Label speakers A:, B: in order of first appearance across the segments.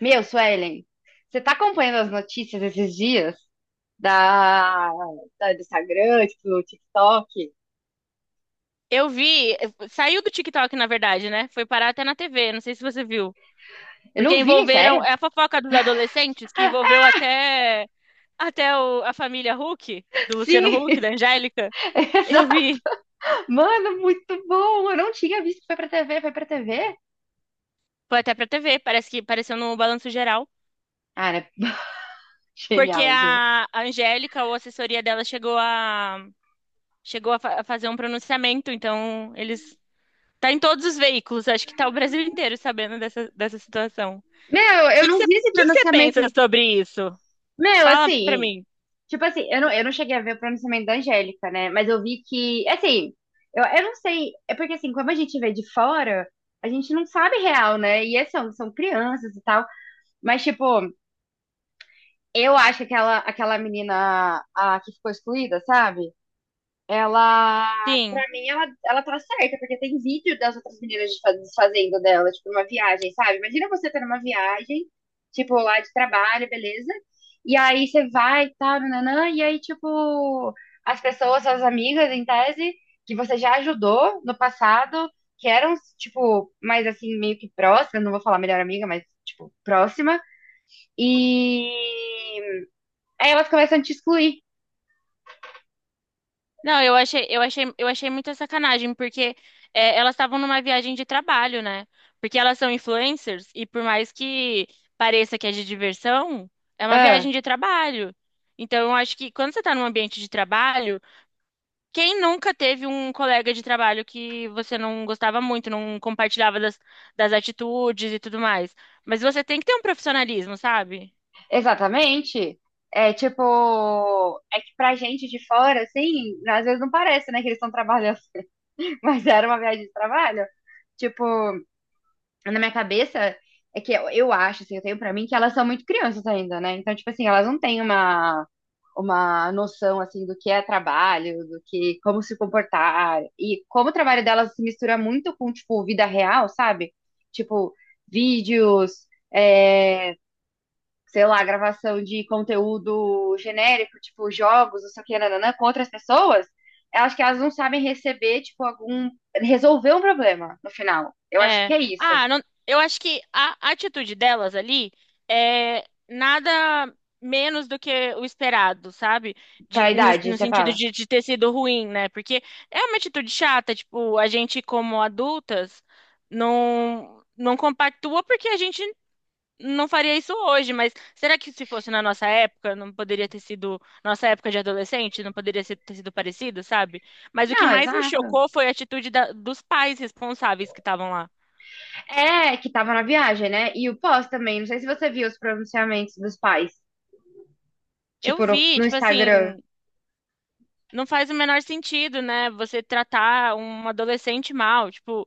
A: Meu, Suelen, você tá acompanhando as notícias esses dias da, do Instagram, tipo, do TikTok?
B: Eu vi, saiu do TikTok, na verdade, né? Foi parar até na TV, não sei se você viu.
A: Eu
B: Porque
A: não vi,
B: envolveram,
A: sério?
B: é a fofoca dos adolescentes que envolveu até a família Huck, do Luciano Huck,
A: Sim!
B: da Angélica. Eu
A: Exa-
B: vi,
A: Mano, muito bom! Eu não tinha visto que foi pra TV, foi pra TV?
B: foi até pra TV, parece que apareceu no Balanço Geral.
A: Cara,
B: Porque
A: genial, juro.
B: a Angélica, ou a assessoria dela, a fazer um pronunciamento, então eles tá em todos os veículos, acho que tá o Brasil inteiro sabendo dessa situação. O
A: Meu, eu
B: que que
A: não
B: você, o
A: vi esse
B: que que você
A: pronunciamento.
B: pensa sobre isso?
A: Meu,
B: Fala pra
A: assim,
B: mim.
A: tipo assim, eu não cheguei a ver o pronunciamento da Angélica, né? Mas eu vi que, assim, eu não sei, é porque assim, como a gente vê de fora, a gente não sabe real, né? São crianças e tal. Mas, tipo, eu acho que aquela menina a, que ficou excluída, sabe? Ela, pra
B: Sim.
A: mim, ela tá certa, porque tem vídeo das outras meninas desfazendo dela, tipo, numa viagem, sabe? Imagina você tá numa viagem, tipo, lá de trabalho, beleza? E aí você vai e tal, nananã, e aí, tipo, as pessoas, suas amigas, em tese, que você já ajudou no passado, que eram, tipo, mais assim, meio que próximas, não vou falar melhor amiga, mas, tipo, próxima, e aí elas começam a te excluir.
B: Não, eu achei muita sacanagem, porque é, elas estavam numa viagem de trabalho, né? Porque elas são influencers e por mais que pareça que é de diversão, é uma
A: Ah,
B: viagem de trabalho. Então, eu acho que quando você está num ambiente de trabalho, quem nunca teve um colega de trabalho que você não gostava muito, não compartilhava das atitudes e tudo mais? Mas você tem que ter um profissionalismo, sabe?
A: exatamente. É tipo, é que pra gente de fora, assim, às vezes não parece, né, que eles estão trabalhando, mas era uma viagem de trabalho. Tipo, na minha cabeça, é que eu acho, assim, eu tenho pra mim que elas são muito crianças ainda, né? Então, tipo assim, elas não têm uma noção, assim, do que é trabalho, do que, como se comportar. E como o trabalho delas se mistura muito com, tipo, vida real, sabe? Tipo, vídeos, é, sei lá, gravação de conteúdo genérico, tipo jogos, não sei o que, nananã, com outras pessoas, eu acho que elas não sabem receber, tipo, algum. Resolver um problema no final. Eu acho que
B: É.
A: é isso.
B: Eu acho que a atitude delas ali é nada menos do que o esperado, sabe?
A: Pra idade,
B: No
A: você
B: sentido
A: fala.
B: de ter sido ruim, né? Porque é uma atitude chata, tipo, a gente como adultas não compactua porque a gente não faria isso hoje, mas será que se fosse na nossa época, não poderia ter sido, nossa época de adolescente, não poderia ter sido parecido, sabe? Mas o que
A: Não,
B: mais me
A: exato.
B: chocou foi a atitude dos pais responsáveis que estavam lá.
A: É, que tava na viagem, né? E o pós também. Não sei se você viu os pronunciamentos dos pais,
B: Eu
A: tipo,
B: vi,
A: no
B: tipo
A: Instagram.
B: assim, não faz o menor sentido, né? Você tratar um adolescente mal, tipo, o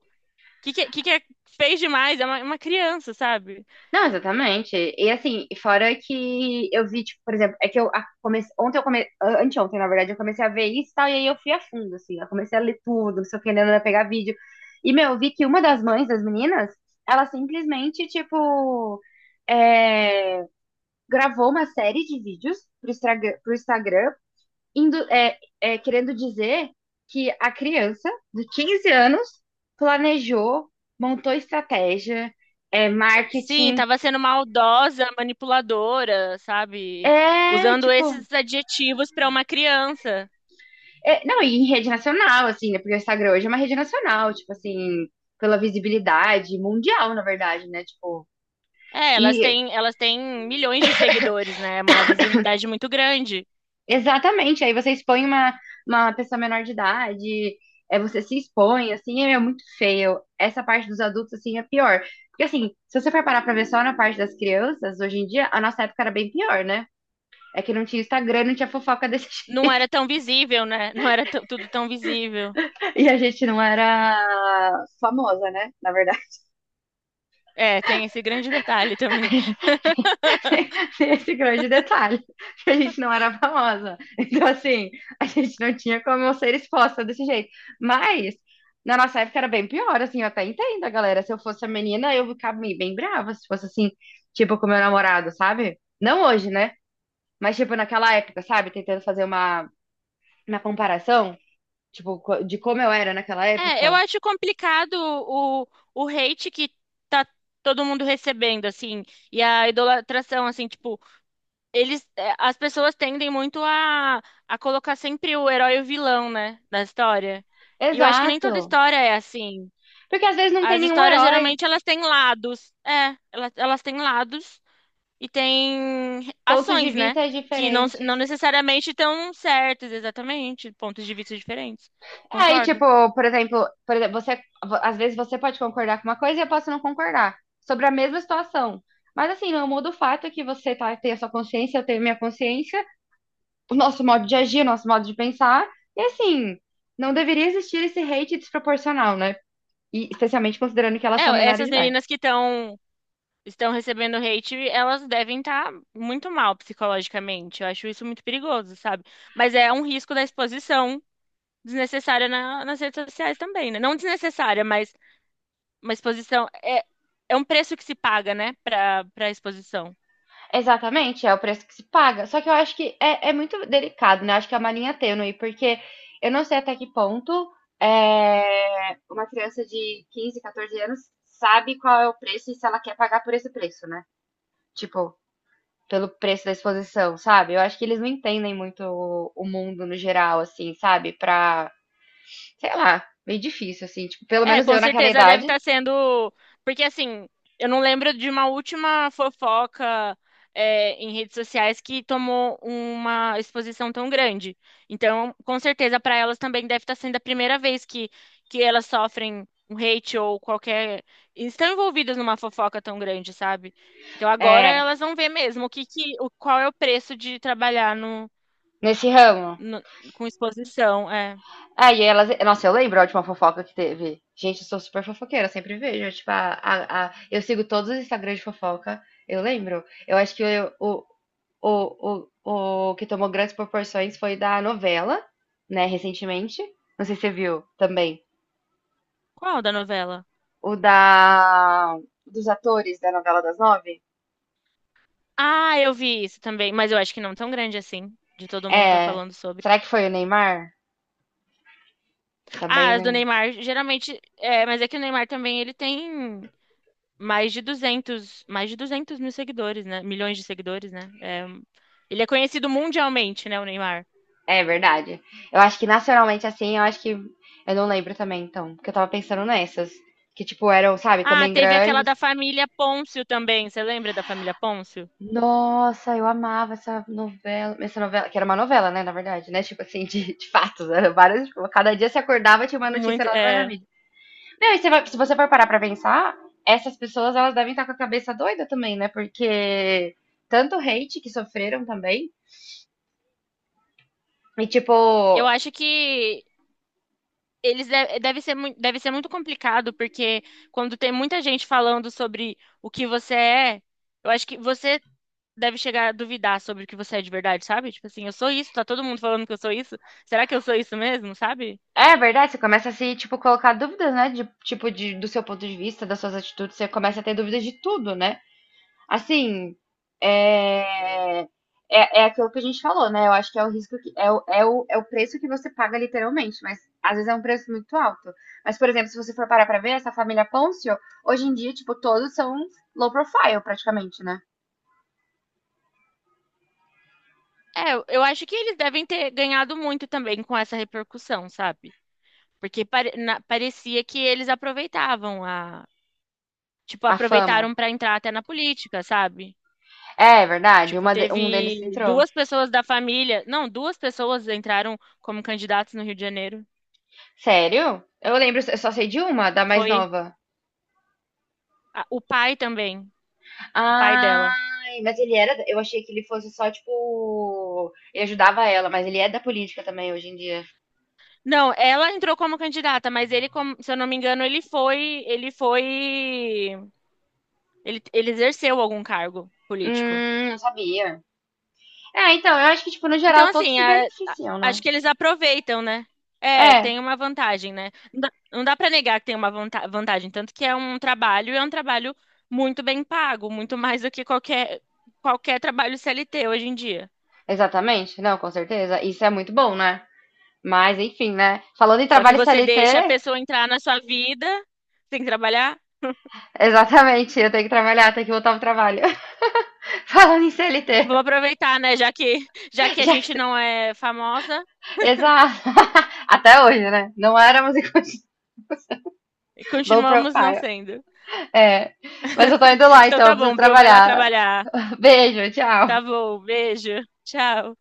B: que que, que que é- fez demais? É uma criança, sabe?
A: Não, exatamente. E assim, fora que eu vi, tipo, por exemplo, é que eu comecei, ontem eu comecei, anteontem, na verdade, eu comecei a ver isso e tal, e aí eu fui a fundo, assim, eu comecei a ler tudo, não sei o que, né, pegar vídeo. E, meu, eu vi que uma das mães das meninas, ela simplesmente, tipo, é, gravou uma série de vídeos pro Instagram indo, querendo dizer que a criança de 15 anos planejou, montou estratégia, é,
B: Sim,
A: marketing.
B: tava sendo maldosa, manipuladora, sabe?
A: É,
B: Usando
A: tipo,
B: esses adjetivos pra uma criança.
A: não, e em rede nacional, assim, né? Porque o Instagram hoje é uma rede nacional, tipo assim, pela visibilidade mundial, na verdade, né? Tipo,
B: É,
A: e
B: elas têm milhões de seguidores, né? Uma visibilidade muito grande.
A: exatamente, aí você expõe uma pessoa menor de idade, é, você se expõe, assim, é muito feio. Essa parte dos adultos, assim, é pior. Porque, assim, se você for parar pra ver só na parte das crianças, hoje em dia, a nossa época era bem pior, né? É que não tinha Instagram, não tinha fofoca desse jeito.
B: Não era tão visível, né? Não era tão- Tudo tão visível.
A: E a gente não era famosa, né? Na verdade.
B: É, tem esse grande detalhe também.
A: Esse grande detalhe, que a gente não era famosa. Então, assim, a gente não tinha como eu ser exposta desse jeito. Mas, na nossa época era bem pior, assim, eu até entendo a galera. Se eu fosse a menina, eu ficava meio bem brava, se fosse assim, tipo, com meu namorado, sabe? Não hoje, né? Mas, tipo, naquela época, sabe? Tentando fazer uma comparação, tipo, de como eu era naquela
B: É, eu
A: época.
B: acho complicado o, o hate que tá todo mundo recebendo, assim, e a idolatração, assim, tipo, as pessoas tendem muito a colocar sempre o herói e o vilão, né, na história. E eu acho que nem
A: Exato.
B: toda história é assim.
A: Porque às vezes não tem
B: As
A: nenhum
B: histórias,
A: herói,
B: geralmente, elas têm lados. É, elas têm lados e têm
A: pontos de
B: ações, né,
A: vista
B: que
A: diferentes.
B: não necessariamente estão certas, exatamente, pontos de vista diferentes.
A: É, aí,
B: Concordo.
A: tipo, por exemplo, você, às vezes você pode concordar com uma coisa e eu posso não concordar sobre a mesma situação. Mas assim, não muda o fato que você tá, tem a sua consciência, eu tenho a minha consciência, o nosso modo de agir, o nosso modo de pensar. E assim, não deveria existir esse hate desproporcional, né? E especialmente considerando que elas são
B: É,
A: menores
B: essas
A: de idade.
B: meninas que estão recebendo hate, elas devem estar muito mal psicologicamente. Eu acho isso muito perigoso, sabe? Mas é um risco da exposição desnecessária nas redes sociais também, né? Não desnecessária, mas uma exposição é um preço que se paga, né, para exposição.
A: Exatamente, é o preço que se paga. Só que eu acho que é muito delicado, né? Acho que é uma linha tênue, porque eu não sei até que ponto é, uma criança de 15, 14 anos sabe qual é o preço e se ela quer pagar por esse preço, né? Tipo, pelo preço da exposição, sabe? Eu acho que eles não entendem muito o mundo no geral, assim, sabe? Pra, sei lá, meio difícil, assim. Tipo, pelo
B: É,
A: menos
B: com
A: eu naquela
B: certeza deve
A: idade,
B: estar sendo. Porque, assim, eu não lembro de uma última fofoca, é, em redes sociais que tomou uma exposição tão grande. Então, com certeza, para elas também deve estar sendo a primeira vez que elas sofrem um hate ou qualquer. Estão envolvidas numa fofoca tão grande, sabe? Então, agora
A: é,
B: elas vão ver mesmo o que, que, o, qual é o preço de trabalhar
A: nesse ramo.
B: no- com exposição. É.
A: Ah e elas. Nossa, eu lembro a última fofoca que teve. Gente, eu sou super fofoqueira, sempre vejo. Tipo, eu sigo todos os Instagrams de fofoca. Eu lembro. Eu acho que o, o que tomou grandes proporções foi da novela, né, recentemente. Não sei se você viu também.
B: Qual da novela?
A: O da. Dos atores da novela das nove.
B: Ah, eu vi isso também, mas eu acho que não tão grande assim, de todo mundo tá
A: É.
B: falando sobre.
A: Será que foi o Neymar? Também
B: Ah, as do
A: o
B: Neymar, geralmente, é, mas é que o Neymar também, ele tem mais de 200 mil seguidores, né? Milhões de seguidores, né? É, ele é conhecido mundialmente, né, o Neymar.
A: É verdade. Eu acho que nacionalmente assim, eu acho que. Eu não lembro também, então. Porque eu tava pensando nessas. Que, tipo, eram, sabe,
B: Ah,
A: também
B: teve aquela
A: grandes.
B: da família Pôncio também, você lembra da família Pôncio?
A: Nossa, eu amava essa novela. Essa novela, que era uma novela, né, na verdade, né? Tipo assim, de fatos. Era várias. Tipo, cada dia se acordava tinha uma notícia
B: Muito,
A: nova na
B: é,
A: mídia. Não, e se você for parar pra pensar, essas pessoas, elas devem estar com a cabeça doida também, né? Porque tanto hate que sofreram também. E, tipo,
B: eu acho que eles deve ser, deve ser muito complicado, porque quando tem muita gente falando sobre o que você é, eu acho que você deve chegar a duvidar sobre o que você é de verdade, sabe? Tipo assim, eu sou isso, tá todo mundo falando que eu sou isso. Será que eu sou isso mesmo, sabe?
A: é verdade, você começa a se, tipo, colocar dúvidas, né? Do seu ponto de vista, das suas atitudes, você começa a ter dúvidas de tudo, né? Assim, é, é aquilo que a gente falou, né? Eu acho que é o risco que é o preço que você paga literalmente, mas às vezes é um preço muito alto. Mas, por exemplo, se você for parar pra ver, essa família Poncio, hoje em dia, tipo, todos são low profile, praticamente, né?
B: É, eu acho que eles devem ter ganhado muito também com essa repercussão, sabe? Porque parecia que eles aproveitavam tipo,
A: A fama.
B: aproveitaram pra entrar até na política, sabe?
A: É, é verdade,
B: Tipo,
A: uma um deles
B: teve
A: entrou.
B: duas pessoas da família, não, duas pessoas entraram como candidatos no Rio de Janeiro.
A: Sério? Eu lembro, eu só sei de uma, da mais
B: Foi
A: nova.
B: o pai também, o pai dela.
A: Ai, mas ele era. Eu achei que ele fosse só, tipo. Ele ajudava ela, mas ele é da política também hoje em dia.
B: Não, ela entrou como candidata, mas ele, como- se eu não me engano, ele exerceu algum cargo político.
A: Não sabia. É, então, eu acho que, tipo, no
B: Então,
A: geral, todos
B: assim,
A: se beneficiam,
B: acho
A: né?
B: que eles aproveitam, né? É,
A: É,
B: tem uma vantagem, né? Não dá para negar que tem uma vantagem, tanto que é um trabalho, e é um trabalho muito bem pago, muito mais do que qualquer trabalho CLT hoje em dia.
A: exatamente. Não, com certeza. Isso é muito bom, né? Mas, enfim, né? Falando em
B: Só que
A: trabalho
B: você deixa a
A: CLT,
B: pessoa entrar na sua vida, tem que trabalhar.
A: exatamente. Eu tenho que trabalhar, tenho que voltar pro trabalho. Falando em CLT.
B: Vamos aproveitar, né? Já que a
A: Já...
B: gente
A: que-
B: não é famosa,
A: Exato. Até hoje, né? Não éramos em low
B: continuamos não
A: profile.
B: sendo.
A: É, mas eu tô indo lá,
B: Então
A: então eu
B: tá
A: preciso
B: bom, Bru, vai lá
A: trabalhar.
B: trabalhar.
A: Beijo,
B: Tá
A: tchau.
B: bom, beijo. Tchau.